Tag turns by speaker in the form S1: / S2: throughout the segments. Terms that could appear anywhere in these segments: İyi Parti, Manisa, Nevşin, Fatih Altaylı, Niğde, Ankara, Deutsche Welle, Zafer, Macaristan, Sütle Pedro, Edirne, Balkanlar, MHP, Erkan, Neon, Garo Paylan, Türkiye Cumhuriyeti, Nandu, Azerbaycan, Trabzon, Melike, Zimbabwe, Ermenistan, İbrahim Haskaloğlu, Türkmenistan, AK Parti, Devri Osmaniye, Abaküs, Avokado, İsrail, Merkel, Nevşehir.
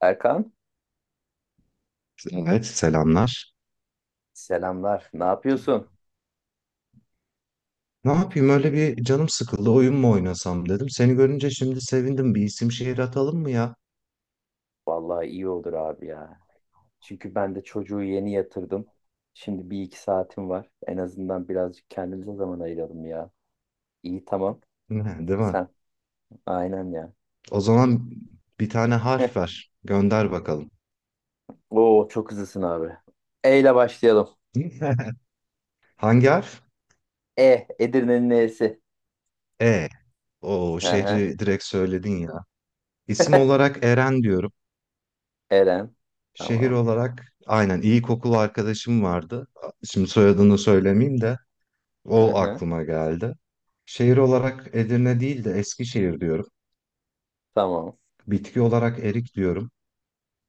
S1: Erkan,
S2: Evet, selamlar.
S1: selamlar. Ne yapıyorsun?
S2: Ne yapayım öyle bir canım sıkıldı oyun mu oynasam dedim. Seni görünce şimdi sevindim bir isim şehir atalım mı ya?
S1: Vallahi iyi olur abi ya. Çünkü ben de çocuğu yeni yatırdım. Şimdi bir iki saatim var. En azından birazcık kendimize zaman ayıralım ya. İyi, tamam.
S2: Ne, değil mi?
S1: Sen. Aynen ya.
S2: O zaman bir tane
S1: Heh.
S2: harf ver. Gönder bakalım.
S1: Oo çok hızlısın abi. E ile başlayalım.
S2: Hangi harf?
S1: E. Edirne'nin E'si.
S2: E. O
S1: Hı hı.
S2: şehri direkt söyledin ya. İsim olarak Eren diyorum.
S1: Eren.
S2: Şehir
S1: Tamam.
S2: olarak aynen iyi kokulu arkadaşım vardı. Şimdi soyadını söylemeyeyim de
S1: Hı
S2: o
S1: hı.
S2: aklıma geldi. Şehir olarak Edirne değil de Eskişehir diyorum.
S1: Tamam.
S2: Bitki olarak erik diyorum.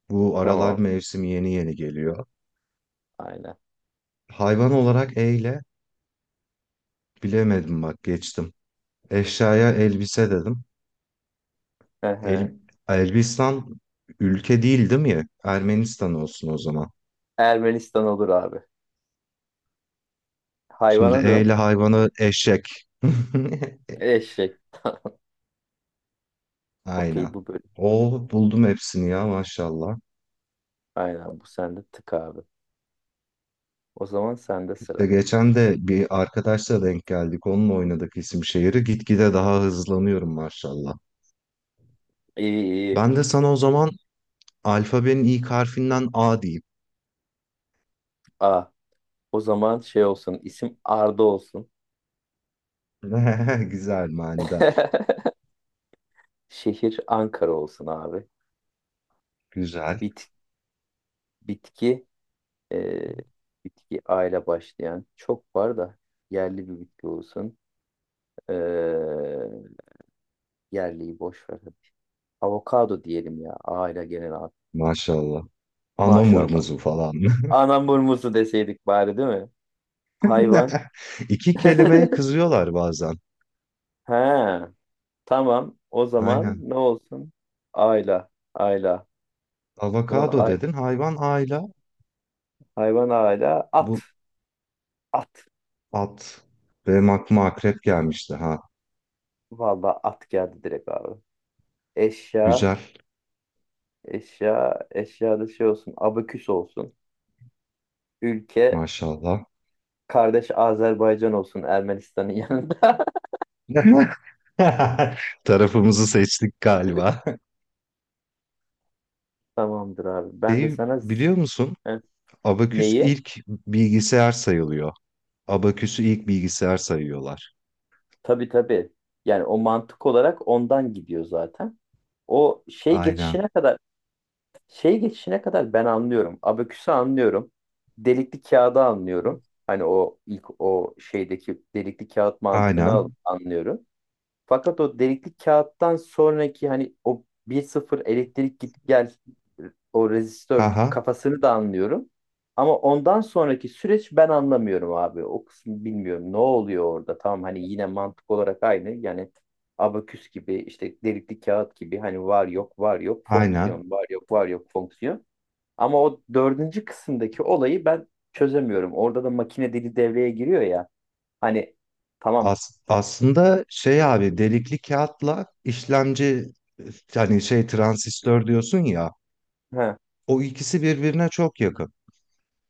S2: Bu aralar
S1: Tamam.
S2: mevsim yeni yeni geliyor.
S1: Aynen.
S2: Hayvan olarak E ile bilemedim, bak, geçtim. Eşyaya elbise dedim.
S1: Hı hı.
S2: El, Elbistan ülke değil değil mi? Ermenistan olsun o zaman.
S1: Ermenistan olur abi.
S2: Şimdi
S1: Hayvana
S2: E
S1: dön.
S2: ile hayvanı eşek.
S1: Eşek. Okey,
S2: Aynen.
S1: bu böyle.
S2: O buldum hepsini ya, maşallah.
S1: Aynen, bu sende tık abi. O zaman sende
S2: İşte
S1: sıra.
S2: geçen de bir arkadaşla denk geldik. Onunla oynadık isim şehri. Gitgide daha hızlanıyorum, maşallah.
S1: İyi iyi.
S2: Ben de sana o zaman alfabenin ilk harfinden A diyeyim.
S1: Aa, o zaman şey olsun. İsim Arda olsun.
S2: Güzel, manidar.
S1: Şehir Ankara olsun abi.
S2: Güzel.
S1: Bit, bitki e, bitki A ile başlayan çok var da yerli bir bitki olsun. E, yerliyi boş ver. Avokado diyelim ya. A ile gelen abi.
S2: Maşallah.
S1: Maşallah.
S2: Anamurmuzu falan.
S1: Anam burmusu deseydik bari, değil mi? Hayvan.
S2: İki kelimeye kızıyorlar bazen.
S1: He. Tamam. O zaman
S2: Aynen.
S1: ne olsun? Ayla. Ayla. Ulan
S2: Avokado
S1: ay-
S2: dedin. Hayvan ayla.
S1: hayvan ayla. At.
S2: Bu
S1: At.
S2: at. Benim aklıma akrep gelmişti. Ha.
S1: Vallahi at geldi direkt abi. Eşya.
S2: Güzel.
S1: Eşya. Eşyada şey olsun. Abaküs olsun. Ülke.
S2: Maşallah.
S1: Kardeş Azerbaycan olsun. Ermenistan'ın yanında.
S2: Tarafımızı seçtik galiba.
S1: Tamamdır abi. Ben de
S2: Şey,
S1: sana z-
S2: biliyor musun?
S1: Heh.
S2: Abaküs
S1: Neyi?
S2: ilk bilgisayar sayılıyor. Abaküsü ilk bilgisayar sayıyorlar.
S1: Tabii tabii. Yani o mantık olarak ondan gidiyor zaten. O şey
S2: Aynen.
S1: geçişine kadar. Şey geçişine kadar ben anlıyorum. Abaküsü anlıyorum. Delikli kağıdı anlıyorum. Hani o ilk o şeydeki delikli kağıt mantığını
S2: Aynen.
S1: anlıyorum. Fakat o delikli kağıttan sonraki hani o bir sıfır elektrik git gel o rezistör
S2: Haha.
S1: kafasını da anlıyorum. Ama ondan sonraki süreç ben anlamıyorum abi. O kısmı bilmiyorum. Ne oluyor orada? Tamam, hani yine mantık olarak aynı. Yani abaküs gibi, işte delikli kağıt gibi, hani var yok var yok
S2: Aynen.
S1: fonksiyon, var yok var yok fonksiyon. Ama o dördüncü kısımdaki olayı ben çözemiyorum. Orada da makine dili devreye giriyor ya. Hani tamam.
S2: Aslında şey abi delikli kağıtla işlemci, hani şey transistör diyorsun ya,
S1: He.
S2: o ikisi birbirine çok yakın.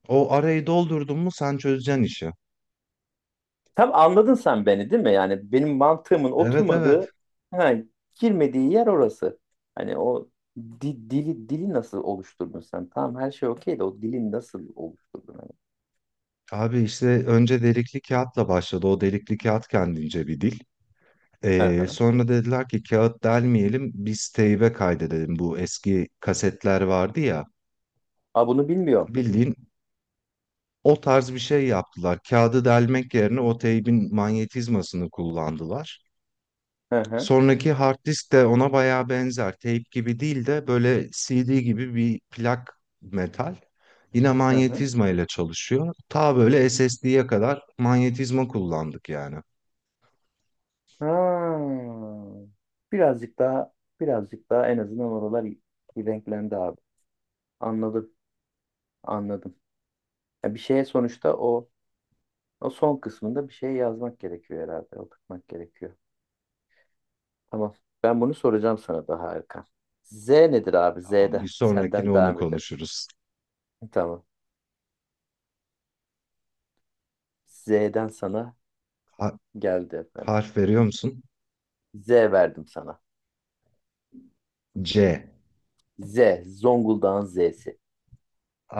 S2: O arayı doldurdun mu sen çözeceksin işi.
S1: Tam anladın sen beni, değil mi? Yani benim mantığımın
S2: Evet, evet.
S1: oturmadığı, ha, girmediği yer orası. Hani o dili nasıl oluşturdun sen? Tamam, her şey okey de o dili nasıl oluşturdun? Hani?
S2: Abi işte önce delikli kağıtla başladı. O delikli kağıt kendince bir dil.
S1: Hı hı.
S2: Sonra dediler ki kağıt delmeyelim, biz teybe kaydedelim. Bu eski kasetler vardı ya,
S1: Aa, bunu bilmiyorum.
S2: bildiğin o tarz bir şey yaptılar. Kağıdı delmek yerine o teybin manyetizmasını kullandılar.
S1: Hı hı.
S2: Sonraki hard disk de ona bayağı benzer. Tape gibi değil de böyle CD gibi bir plak metal. Yine
S1: Hı hı.
S2: manyetizma ile çalışıyor. Ta böyle SSD'ye kadar manyetizma kullandık yani.
S1: Ha. Birazcık daha birazcık daha en azından oralar renklendi abi. Anladım. Anladım. Ya bir şeye sonuçta o o son kısmında bir şey yazmak gerekiyor herhalde. Oturtmak gerekiyor. Tamam. Ben bunu soracağım sana daha Erkan. Z nedir abi?
S2: Tamam,
S1: Z'de.
S2: bir sonrakini
S1: Senden
S2: onu
S1: devam edelim.
S2: konuşuruz.
S1: Tamam. Z'den sana
S2: Ha-
S1: geldi efendim.
S2: Harf veriyor musun?
S1: Z verdim sana.
S2: C.
S1: Z. Zonguldak'ın Z'si.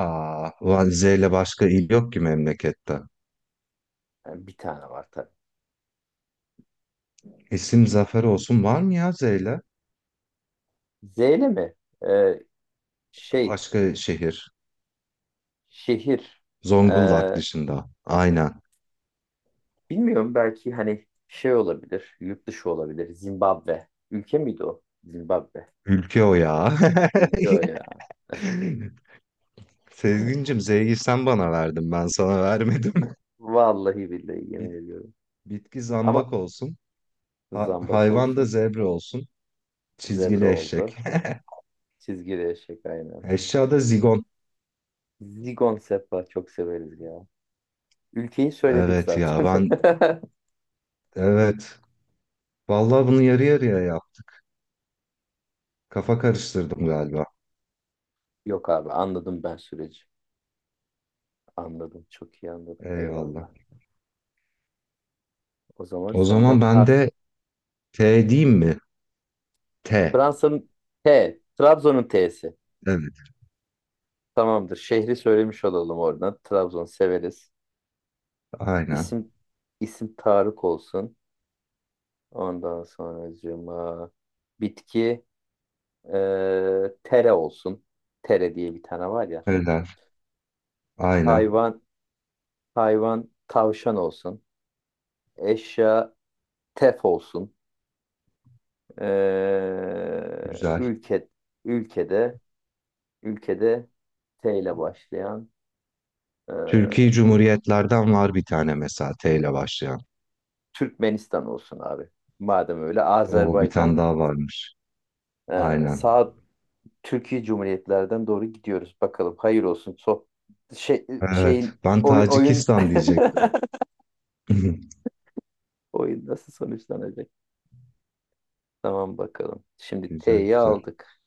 S2: Aa, ulan Z ile başka il yok ki memlekette.
S1: Yani bir tane var tabii.
S2: İsim Zafer olsun, var mı ya Z ile?
S1: Z ile mi? Ee, şey.
S2: Başka şehir.
S1: Şehir.
S2: Zonguldak
S1: Ee,
S2: dışında. Aynen.
S1: bilmiyorum, belki hani şey olabilir. Yurt dışı olabilir. Zimbabwe. Ülke miydi o? Zimbabwe.
S2: Ülke o ya.
S1: Ülke o ya.
S2: Sezgincim, Z'yi sen bana verdin. Ben sana vermedim.
S1: Vallahi billahi yemin
S2: Bit-
S1: ediyorum.
S2: bitki
S1: Ama
S2: zambak olsun. Ha-
S1: zambak
S2: hayvan da
S1: olsun.
S2: zebra olsun.
S1: Zebra
S2: Çizgili eşek.
S1: oldu. Çizgili eşek aynen.
S2: Eşya da zigon.
S1: Zigon Sepa çok severiz ya. Ülkeyi söyledik
S2: Evet ya,
S1: zaten.
S2: ben evet. Vallahi bunu yarı yarıya yap. Kafa karıştırdım galiba.
S1: Yok abi, anladım ben süreci. Anladım, çok iyi anladım.
S2: Eyvallah.
S1: Eyvallah. O zaman
S2: O zaman
S1: senden
S2: ben
S1: harf.
S2: de T diyeyim mi? T.
S1: Fransa'nın T. Trabzon'un T'si.
S2: Evet.
S1: Tamamdır. Şehri söylemiş olalım oradan. Trabzon severiz.
S2: Aynen.
S1: İsim isim Tarık olsun. Ondan sonracığıma bitki tere olsun. Tere diye bir tane var ya.
S2: Helal. Aynen.
S1: Hayvan hayvan tavşan olsun. Eşya tef olsun.
S2: Güzel.
S1: Ülke ülkede ülkede T ile başlayan ee,
S2: Türkiye
S1: dur bak-
S2: Cumhuriyetlerden var bir tane mesela T ile başlayan.
S1: Türkmenistan olsun abi. Madem öyle
S2: O bir tane
S1: Azerbaycan
S2: daha varmış. Aynen.
S1: sağ Türkiye Cumhuriyetlerden doğru gidiyoruz. Bakalım hayır olsun.
S2: Evet. Ben
S1: Oyun,
S2: Tacikistan diyecektim.
S1: oyun nasıl sonuçlanacak? Tamam bakalım. Şimdi
S2: Güzel,
S1: T'yi
S2: güzel.
S1: aldık.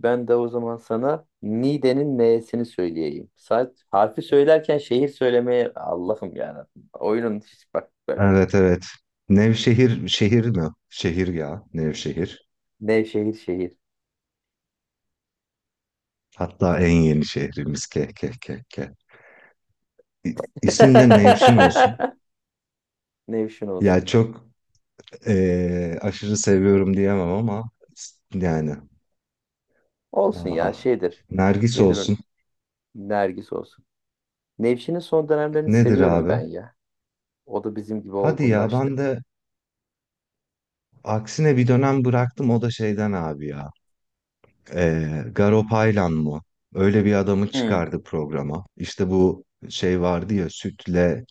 S1: Ben de o zaman sana Niğde'nin N'sini söyleyeyim. Saat harfi söylerken şehir söylemeye Allah'ım ya. Oyunun hiç bak böyle.
S2: Evet, evet. Nevşehir şehir mi? Şehir ya. Nevşehir.
S1: Nevşehir şehir.
S2: Hatta en yeni şehrimiz. Ke ke ke ke. İsim de Nevşin olsun.
S1: Nevşin
S2: Ya
S1: olsun.
S2: çok... aşırı seviyorum diyemem ama yani,
S1: Olsun ya,
S2: aha.
S1: şeydir.
S2: Nergis
S1: Nedir o?
S2: olsun.
S1: Nergis olsun. Nevşin'in son dönemlerini
S2: Nedir
S1: seviyorum
S2: abi?
S1: ben ya. O da bizim gibi
S2: Hadi ya, ben
S1: olgunlaştı.
S2: de aksine bir dönem bıraktım, o da şeyden abi ya. Garo Paylan mı? Öyle bir adamı
S1: Hı
S2: çıkardı programa. İşte bu şey vardı ya, Sütle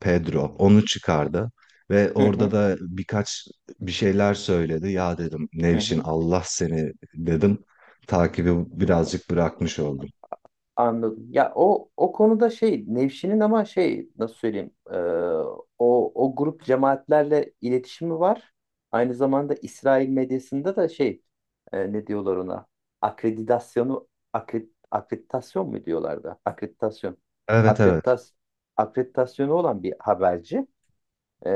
S2: Pedro onu çıkardı. Ve
S1: hı
S2: orada
S1: hı.
S2: da birkaç bir şeyler söyledi. Ya dedim, Nevşin Allah seni dedim. Takibi
S1: Hı.
S2: birazcık bırakmış oldum.
S1: Anladım. Ya o o konuda şey Nevşin'in ama şey nasıl söyleyeyim o o grup cemaatlerle iletişimi var. Aynı zamanda İsrail medyasında da şey, ne diyorlar ona? akreditasyonu akre, akreditasyon mu diyorlardı? Akreditasyon.
S2: Evet, evet.
S1: Akreditas akreditasyonu olan bir haberci. E,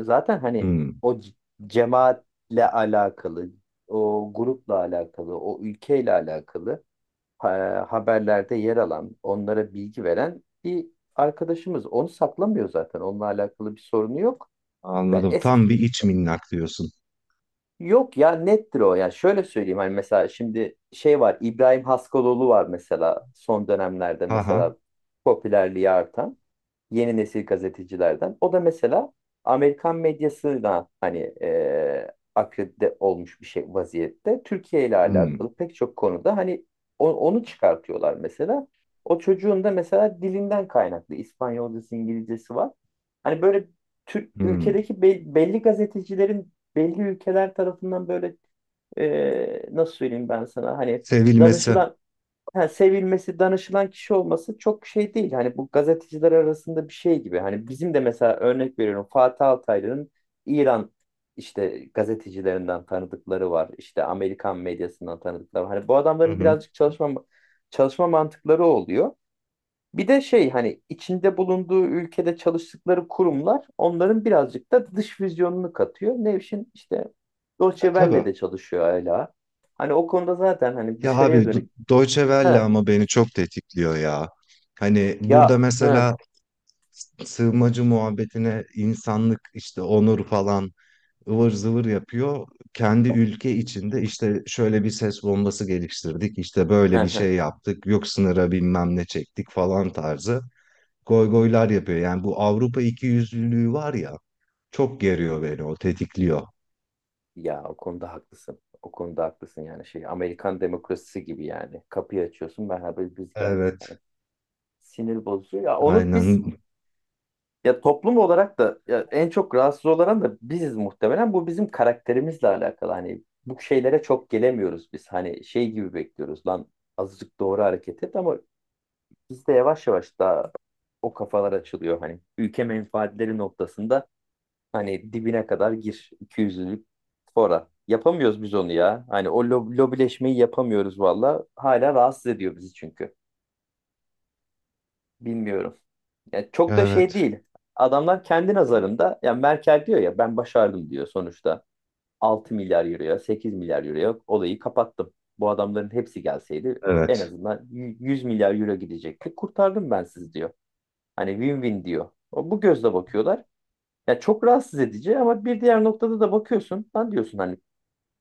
S1: zaten hani
S2: Hmm.
S1: o cemaatle alakalı, o grupla alakalı, o ülkeyle alakalı haberlerde yer alan, onlara bilgi veren bir arkadaşımız. Onu saklamıyor zaten. Onunla alakalı bir sorunu yok. Ben
S2: Anladım.
S1: eski.
S2: Tam bir iç minnak diyorsun.
S1: Yok ya, nettir o. Yani şöyle söyleyeyim, hani mesela şimdi şey var, İbrahim Haskaloğlu var mesela son dönemlerde
S2: Aha.
S1: mesela popülerliği artan yeni nesil gazetecilerden. O da mesela Amerikan medyasına hani akredite olmuş bir şey vaziyette. Türkiye ile
S2: Hmm.
S1: alakalı pek çok konuda hani onu çıkartıyorlar mesela. O çocuğun da mesela dilinden kaynaklı İspanyolcası, İngilizcesi var. Hani böyle Türk
S2: Hmm.
S1: ülkedeki belli gazetecilerin belli ülkeler tarafından böyle nasıl söyleyeyim ben sana hani
S2: Sevilmesi.
S1: danışılan ha, sevilmesi, danışılan kişi olması çok şey değil. Hani bu gazeteciler arasında bir şey gibi. Hani bizim de mesela örnek veriyorum Fatih Altaylı'nın İran işte gazetecilerinden tanıdıkları var. İşte Amerikan medyasından tanıdıkları var. Hani bu
S2: Hı
S1: adamların
S2: hı.
S1: birazcık çalışma mantıkları oluyor. Bir de şey, hani içinde bulunduğu ülkede çalıştıkları kurumlar onların birazcık da dış vizyonunu katıyor. Nevşin işte Deutsche
S2: E tabii.
S1: Welle'de çalışıyor hala. Hani o konuda zaten hani
S2: Ya
S1: dışarıya
S2: abi Do-
S1: dönük.
S2: Deutsche Welle
S1: He,
S2: ama beni çok tetikliyor ya. Hani burada
S1: ya hı,
S2: mesela sığınmacı muhabbetine insanlık işte onur falan ıvır zıvır yapıyor. Kendi ülke içinde işte şöyle bir ses bombası geliştirdik, işte
S1: hı,
S2: böyle bir
S1: hı.
S2: şey yaptık, yok sınıra bilmem ne çektik falan tarzı goygoylar yapıyor. Yani bu Avrupa ikiyüzlülüğü var ya, çok geriyor beni, o tetikliyor.
S1: Ya o konuda haklısın. O konuda haklısın, yani şey Amerikan demokrasisi gibi yani. Kapıyı açıyorsun, merhaba biz geldik.
S2: Evet.
S1: Yani sinir bozucu. Ya onu biz
S2: Aynen.
S1: ya toplum olarak da ya en çok rahatsız olan da biziz muhtemelen. Bu bizim karakterimizle alakalı. Hani bu şeylere çok gelemiyoruz biz. Hani şey gibi bekliyoruz, lan azıcık doğru hareket et, ama bizde yavaş yavaş daha o kafalar açılıyor. Hani ülke menfaatleri noktasında. Hani dibine kadar gir 200'lük fora. Yapamıyoruz biz onu ya. Hani o lobileşmeyi yapamıyoruz valla. Hala rahatsız ediyor bizi çünkü. Bilmiyorum. Yani çok da şey
S2: Evet.
S1: değil. Adamlar kendi nazarında ya, Merkel diyor ya ben başardım diyor sonuçta. 6 milyar euroya, 8 milyar euroya olayı kapattım. Bu adamların hepsi gelseydi en
S2: Evet.
S1: azından 100 milyar euro gidecekti. Kurtardım ben sizi diyor. Hani win-win diyor. O, bu gözle bakıyorlar. Ya çok rahatsız edici, ama bir diğer noktada da bakıyorsun. Lan diyorsun hani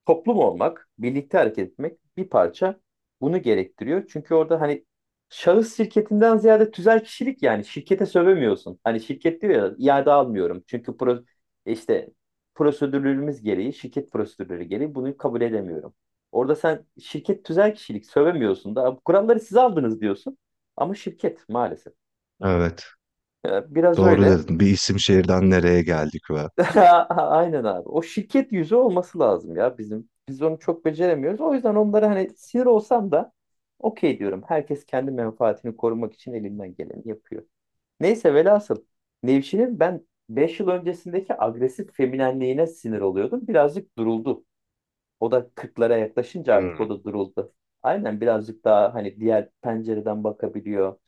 S1: toplum olmak, birlikte hareket etmek bir parça bunu gerektiriyor. Çünkü orada hani şahıs şirketinden ziyade tüzel kişilik, yani şirkete sövemiyorsun. Hani şirket diyor ya iade almıyorum. Çünkü işte prosedürlerimiz gereği, şirket prosedürleri gereği bunu kabul edemiyorum. Orada sen şirket tüzel kişilik sövemiyorsun da "Bu kuralları siz aldınız" diyorsun. Ama şirket maalesef.
S2: Evet.
S1: Biraz
S2: Doğru
S1: öyle.
S2: dedin. Bir isim şehirden nereye geldik ve.
S1: Aynen abi. O şirket yüzü olması lazım ya bizim. Biz onu çok beceremiyoruz. O yüzden onlara hani sinir olsam da okey diyorum. Herkes kendi menfaatini korumak için elinden geleni yapıyor. Neyse velhasıl Nevşin'in ben 5 yıl öncesindeki agresif feminenliğine sinir oluyordum. Birazcık duruldu. O da 40'lara yaklaşınca artık
S2: Hmm.
S1: o da duruldu. Aynen birazcık daha hani diğer pencereden bakabiliyor.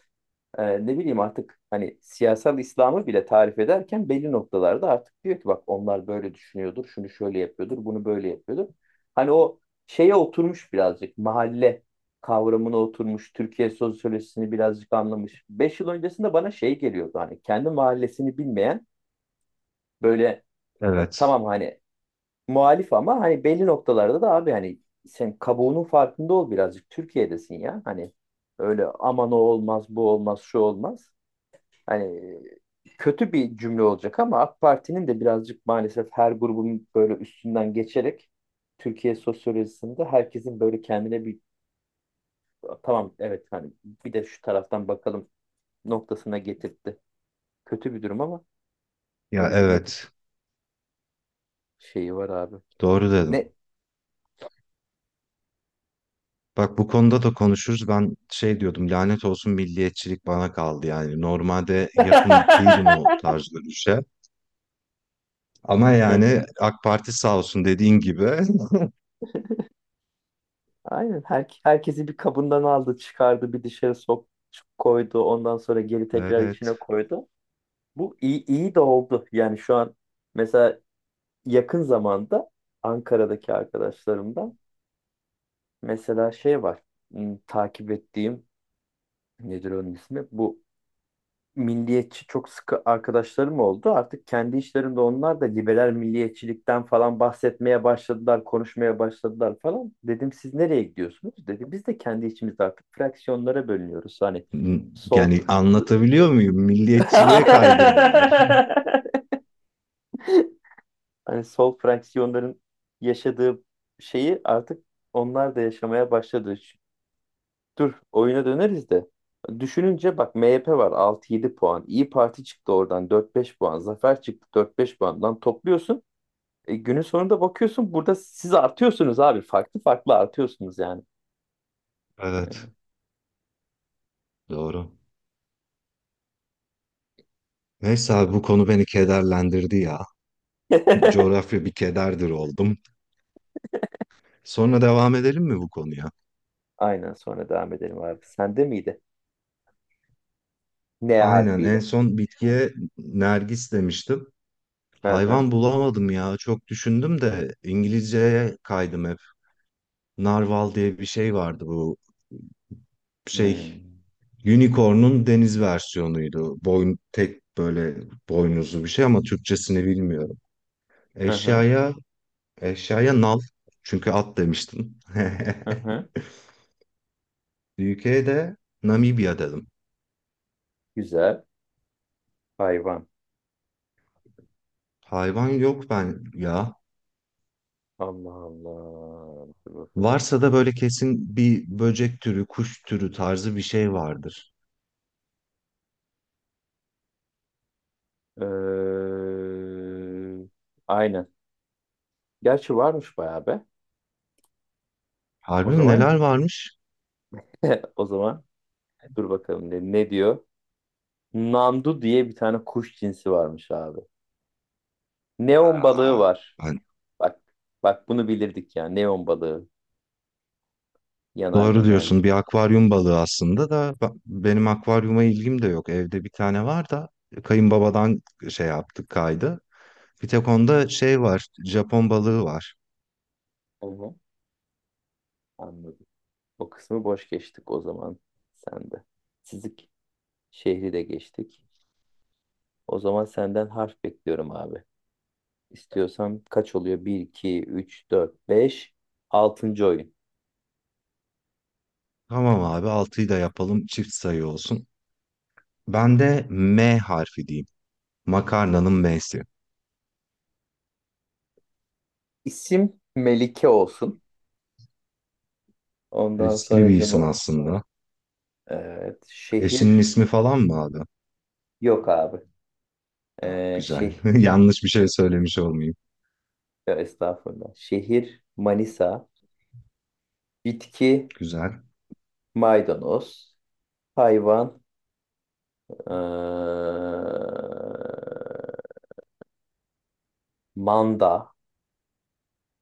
S1: Ne bileyim, artık hani siyasal İslam'ı bile tarif ederken belli noktalarda artık diyor ki bak onlar böyle düşünüyordur, şunu şöyle yapıyordur, bunu böyle yapıyordur. Hani o şeye oturmuş, birazcık mahalle kavramına oturmuş, Türkiye sosyolojisini birazcık anlamış. Beş yıl öncesinde bana şey geliyordu, hani kendi mahallesini bilmeyen böyle
S2: Evet.
S1: tamam hani muhalif, ama hani belli noktalarda da abi hani sen kabuğunun farkında ol, birazcık Türkiye'desin ya hani öyle aman o olmaz bu olmaz şu olmaz hani, kötü bir cümle olacak ama AK Parti'nin de birazcık maalesef her grubun böyle üstünden geçerek Türkiye sosyolojisinde herkesin böyle kendine bir tamam evet hani bir de şu taraftan bakalım noktasına getirtti. Kötü bir durum, ama
S2: Ya
S1: öyle bir negatif
S2: evet.
S1: şeyi var abi.
S2: Doğru
S1: Ne?
S2: dedim. Bak bu konuda da konuşuruz. Ben şey diyordum, lanet olsun, milliyetçilik bana kaldı yani. Normalde yakın değilim o tarz görüşe. Ama
S1: Hı.
S2: yani AK Parti sağ olsun, dediğin gibi.
S1: Aynen herkesi bir kabından aldı, çıkardı, bir dışarı koydu, ondan sonra geri tekrar
S2: Evet.
S1: içine koydu. Bu iyi de oldu. Yani şu an mesela yakın zamanda Ankara'daki arkadaşlarımdan mesela şey var. Takip ettiğim, nedir onun ismi? Bu milliyetçi çok sıkı arkadaşlarım oldu. Artık kendi işlerinde onlar da liberal milliyetçilikten falan bahsetmeye başladılar, konuşmaya başladılar falan. Dedim siz nereye gidiyorsunuz? Dedi biz de kendi içimizde artık fraksiyonlara bölünüyoruz. Hani sol.
S2: Yani, anlatabiliyor muyum? Milliyetçiliğe kaydırdılar.
S1: hani sol fraksiyonların yaşadığı şeyi artık onlar da yaşamaya başladı. Dur oyuna döneriz de. Düşününce bak MHP var 6 yedi puan. İyi Parti çıktı oradan dört beş puan. Zafer çıktı dört beş puandan topluyorsun. Günün sonunda bakıyorsun burada siz artıyorsunuz abi. Farklı farklı artıyorsunuz yani.
S2: Evet. Doğru. Neyse abi bu konu beni kederlendirdi ya. Coğrafya bir kederdir oldum. Sonra devam edelim mi bu konuya?
S1: Aynen sonra devam edelim abi. Sende miydi? N
S2: Aynen, en
S1: harfiyle.
S2: son bitkiye nergis demiştim.
S1: Hı hı.
S2: Hayvan bulamadım ya. Çok düşündüm de İngilizceye kaydım hep. Narval diye bir şey vardı, bu şey
S1: Hmm.
S2: unicorn'un deniz versiyonuydu. Boyun tek böyle boynuzlu bir şey ama Türkçesini bilmiyorum.
S1: Hı hı.
S2: Eşyaya eşyaya nal, çünkü at demiştim.
S1: Hı hı.
S2: UK'de Namibya dedim.
S1: Güzel. Hayvan.
S2: Hayvan yok ben ya.
S1: Allah Allah. Dur bakalım.
S2: Varsa da böyle kesin bir böcek türü, kuş türü tarzı bir şey vardır.
S1: Ee, aynen. Gerçi varmış bayağı be. O
S2: Harbi mi,
S1: zaman,
S2: neler varmış?
S1: o zaman dur bakalım, ne, ne diyor? Nandu diye bir tane kuş cinsi varmış abi. Neon balığı
S2: Aa,
S1: var.
S2: ben...
S1: Bak, bak bunu bilirdik ya. Neon balığı yanar
S2: Doğru
S1: dönerli.
S2: diyorsun, bir akvaryum balığı aslında da benim akvaryuma ilgim de yok. Evde bir tane var da kayınbabadan şey yaptık, kaydı. Bir tek onda şey var, Japon balığı var.
S1: Onu anladım. O kısmı boş geçtik o zaman sende. Sizik şehri de geçtik. O zaman senden harf bekliyorum abi. İstiyorsam kaç oluyor? Bir, iki, üç, dört, beş. 6. oyun.
S2: Tamam abi, altıyı da yapalım, çift sayı olsun. Ben de M harfi diyeyim. Makarnanın M'si.
S1: İsim Melike olsun. Ondan
S2: Riskli bir isim
S1: sonracıma
S2: aslında.
S1: evet,
S2: Eşinin
S1: şehir
S2: ismi falan mı abi?
S1: yok abi.
S2: Ha,
S1: Ee,
S2: güzel.
S1: şey
S2: Yanlış bir şey söylemiş olmayayım.
S1: ya estağfurullah. Şehir Manisa. Bitki
S2: Güzel.
S1: maydanoz. Hayvan ee, manda.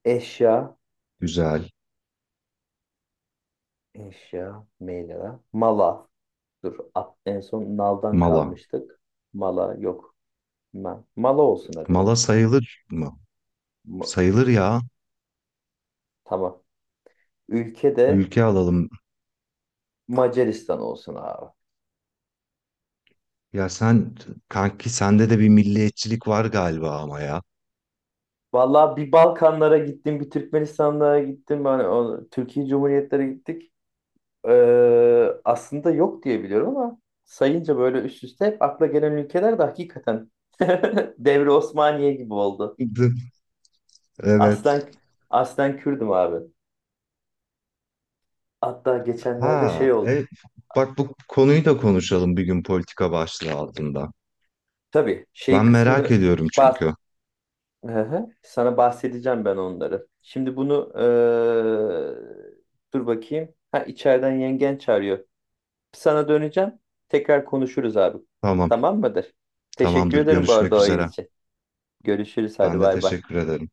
S1: Eşya
S2: Güzel.
S1: eşya meyla. Mala. Dur at, en son naldan
S2: Mala.
S1: kalmıştık. Mala yok. Mala olsun hadi.
S2: Mala sayılır mı?
S1: Ma-
S2: Sayılır ya.
S1: tamam. Ülke de
S2: Ülke alalım.
S1: Macaristan olsun abi.
S2: Ya sen kanki sende de bir milliyetçilik var galiba ama ya.
S1: Vallahi bir Balkanlara gittim, bir Türkmenistanlara gittim. Hani o, Türkiye Cumhuriyetlere gittik. Aslında yok diye biliyorum, ama sayınca böyle üst üste hep akla gelen ülkeler de hakikaten Devri Osmaniye gibi oldu.
S2: Evet.
S1: Aslen aslen Kürdüm abi. Hatta geçenlerde
S2: Ha,
S1: şey oldu.
S2: bak bu konuyu da konuşalım bir gün politika başlığı altında.
S1: Tabii şey
S2: Ben merak
S1: kısmını.
S2: ediyorum çünkü.
S1: Hı hı. Sana bahsedeceğim ben onları. Şimdi bunu dur bakayım. Ha, içeriden yengen çağırıyor. Sana döneceğim. Tekrar konuşuruz abi.
S2: Tamam,
S1: Tamam mıdır? Teşekkür
S2: tamamdır.
S1: ederim bu arada
S2: Görüşmek
S1: oyun
S2: üzere.
S1: için. Görüşürüz hadi,
S2: Ben de
S1: bay bay.
S2: teşekkür ederim.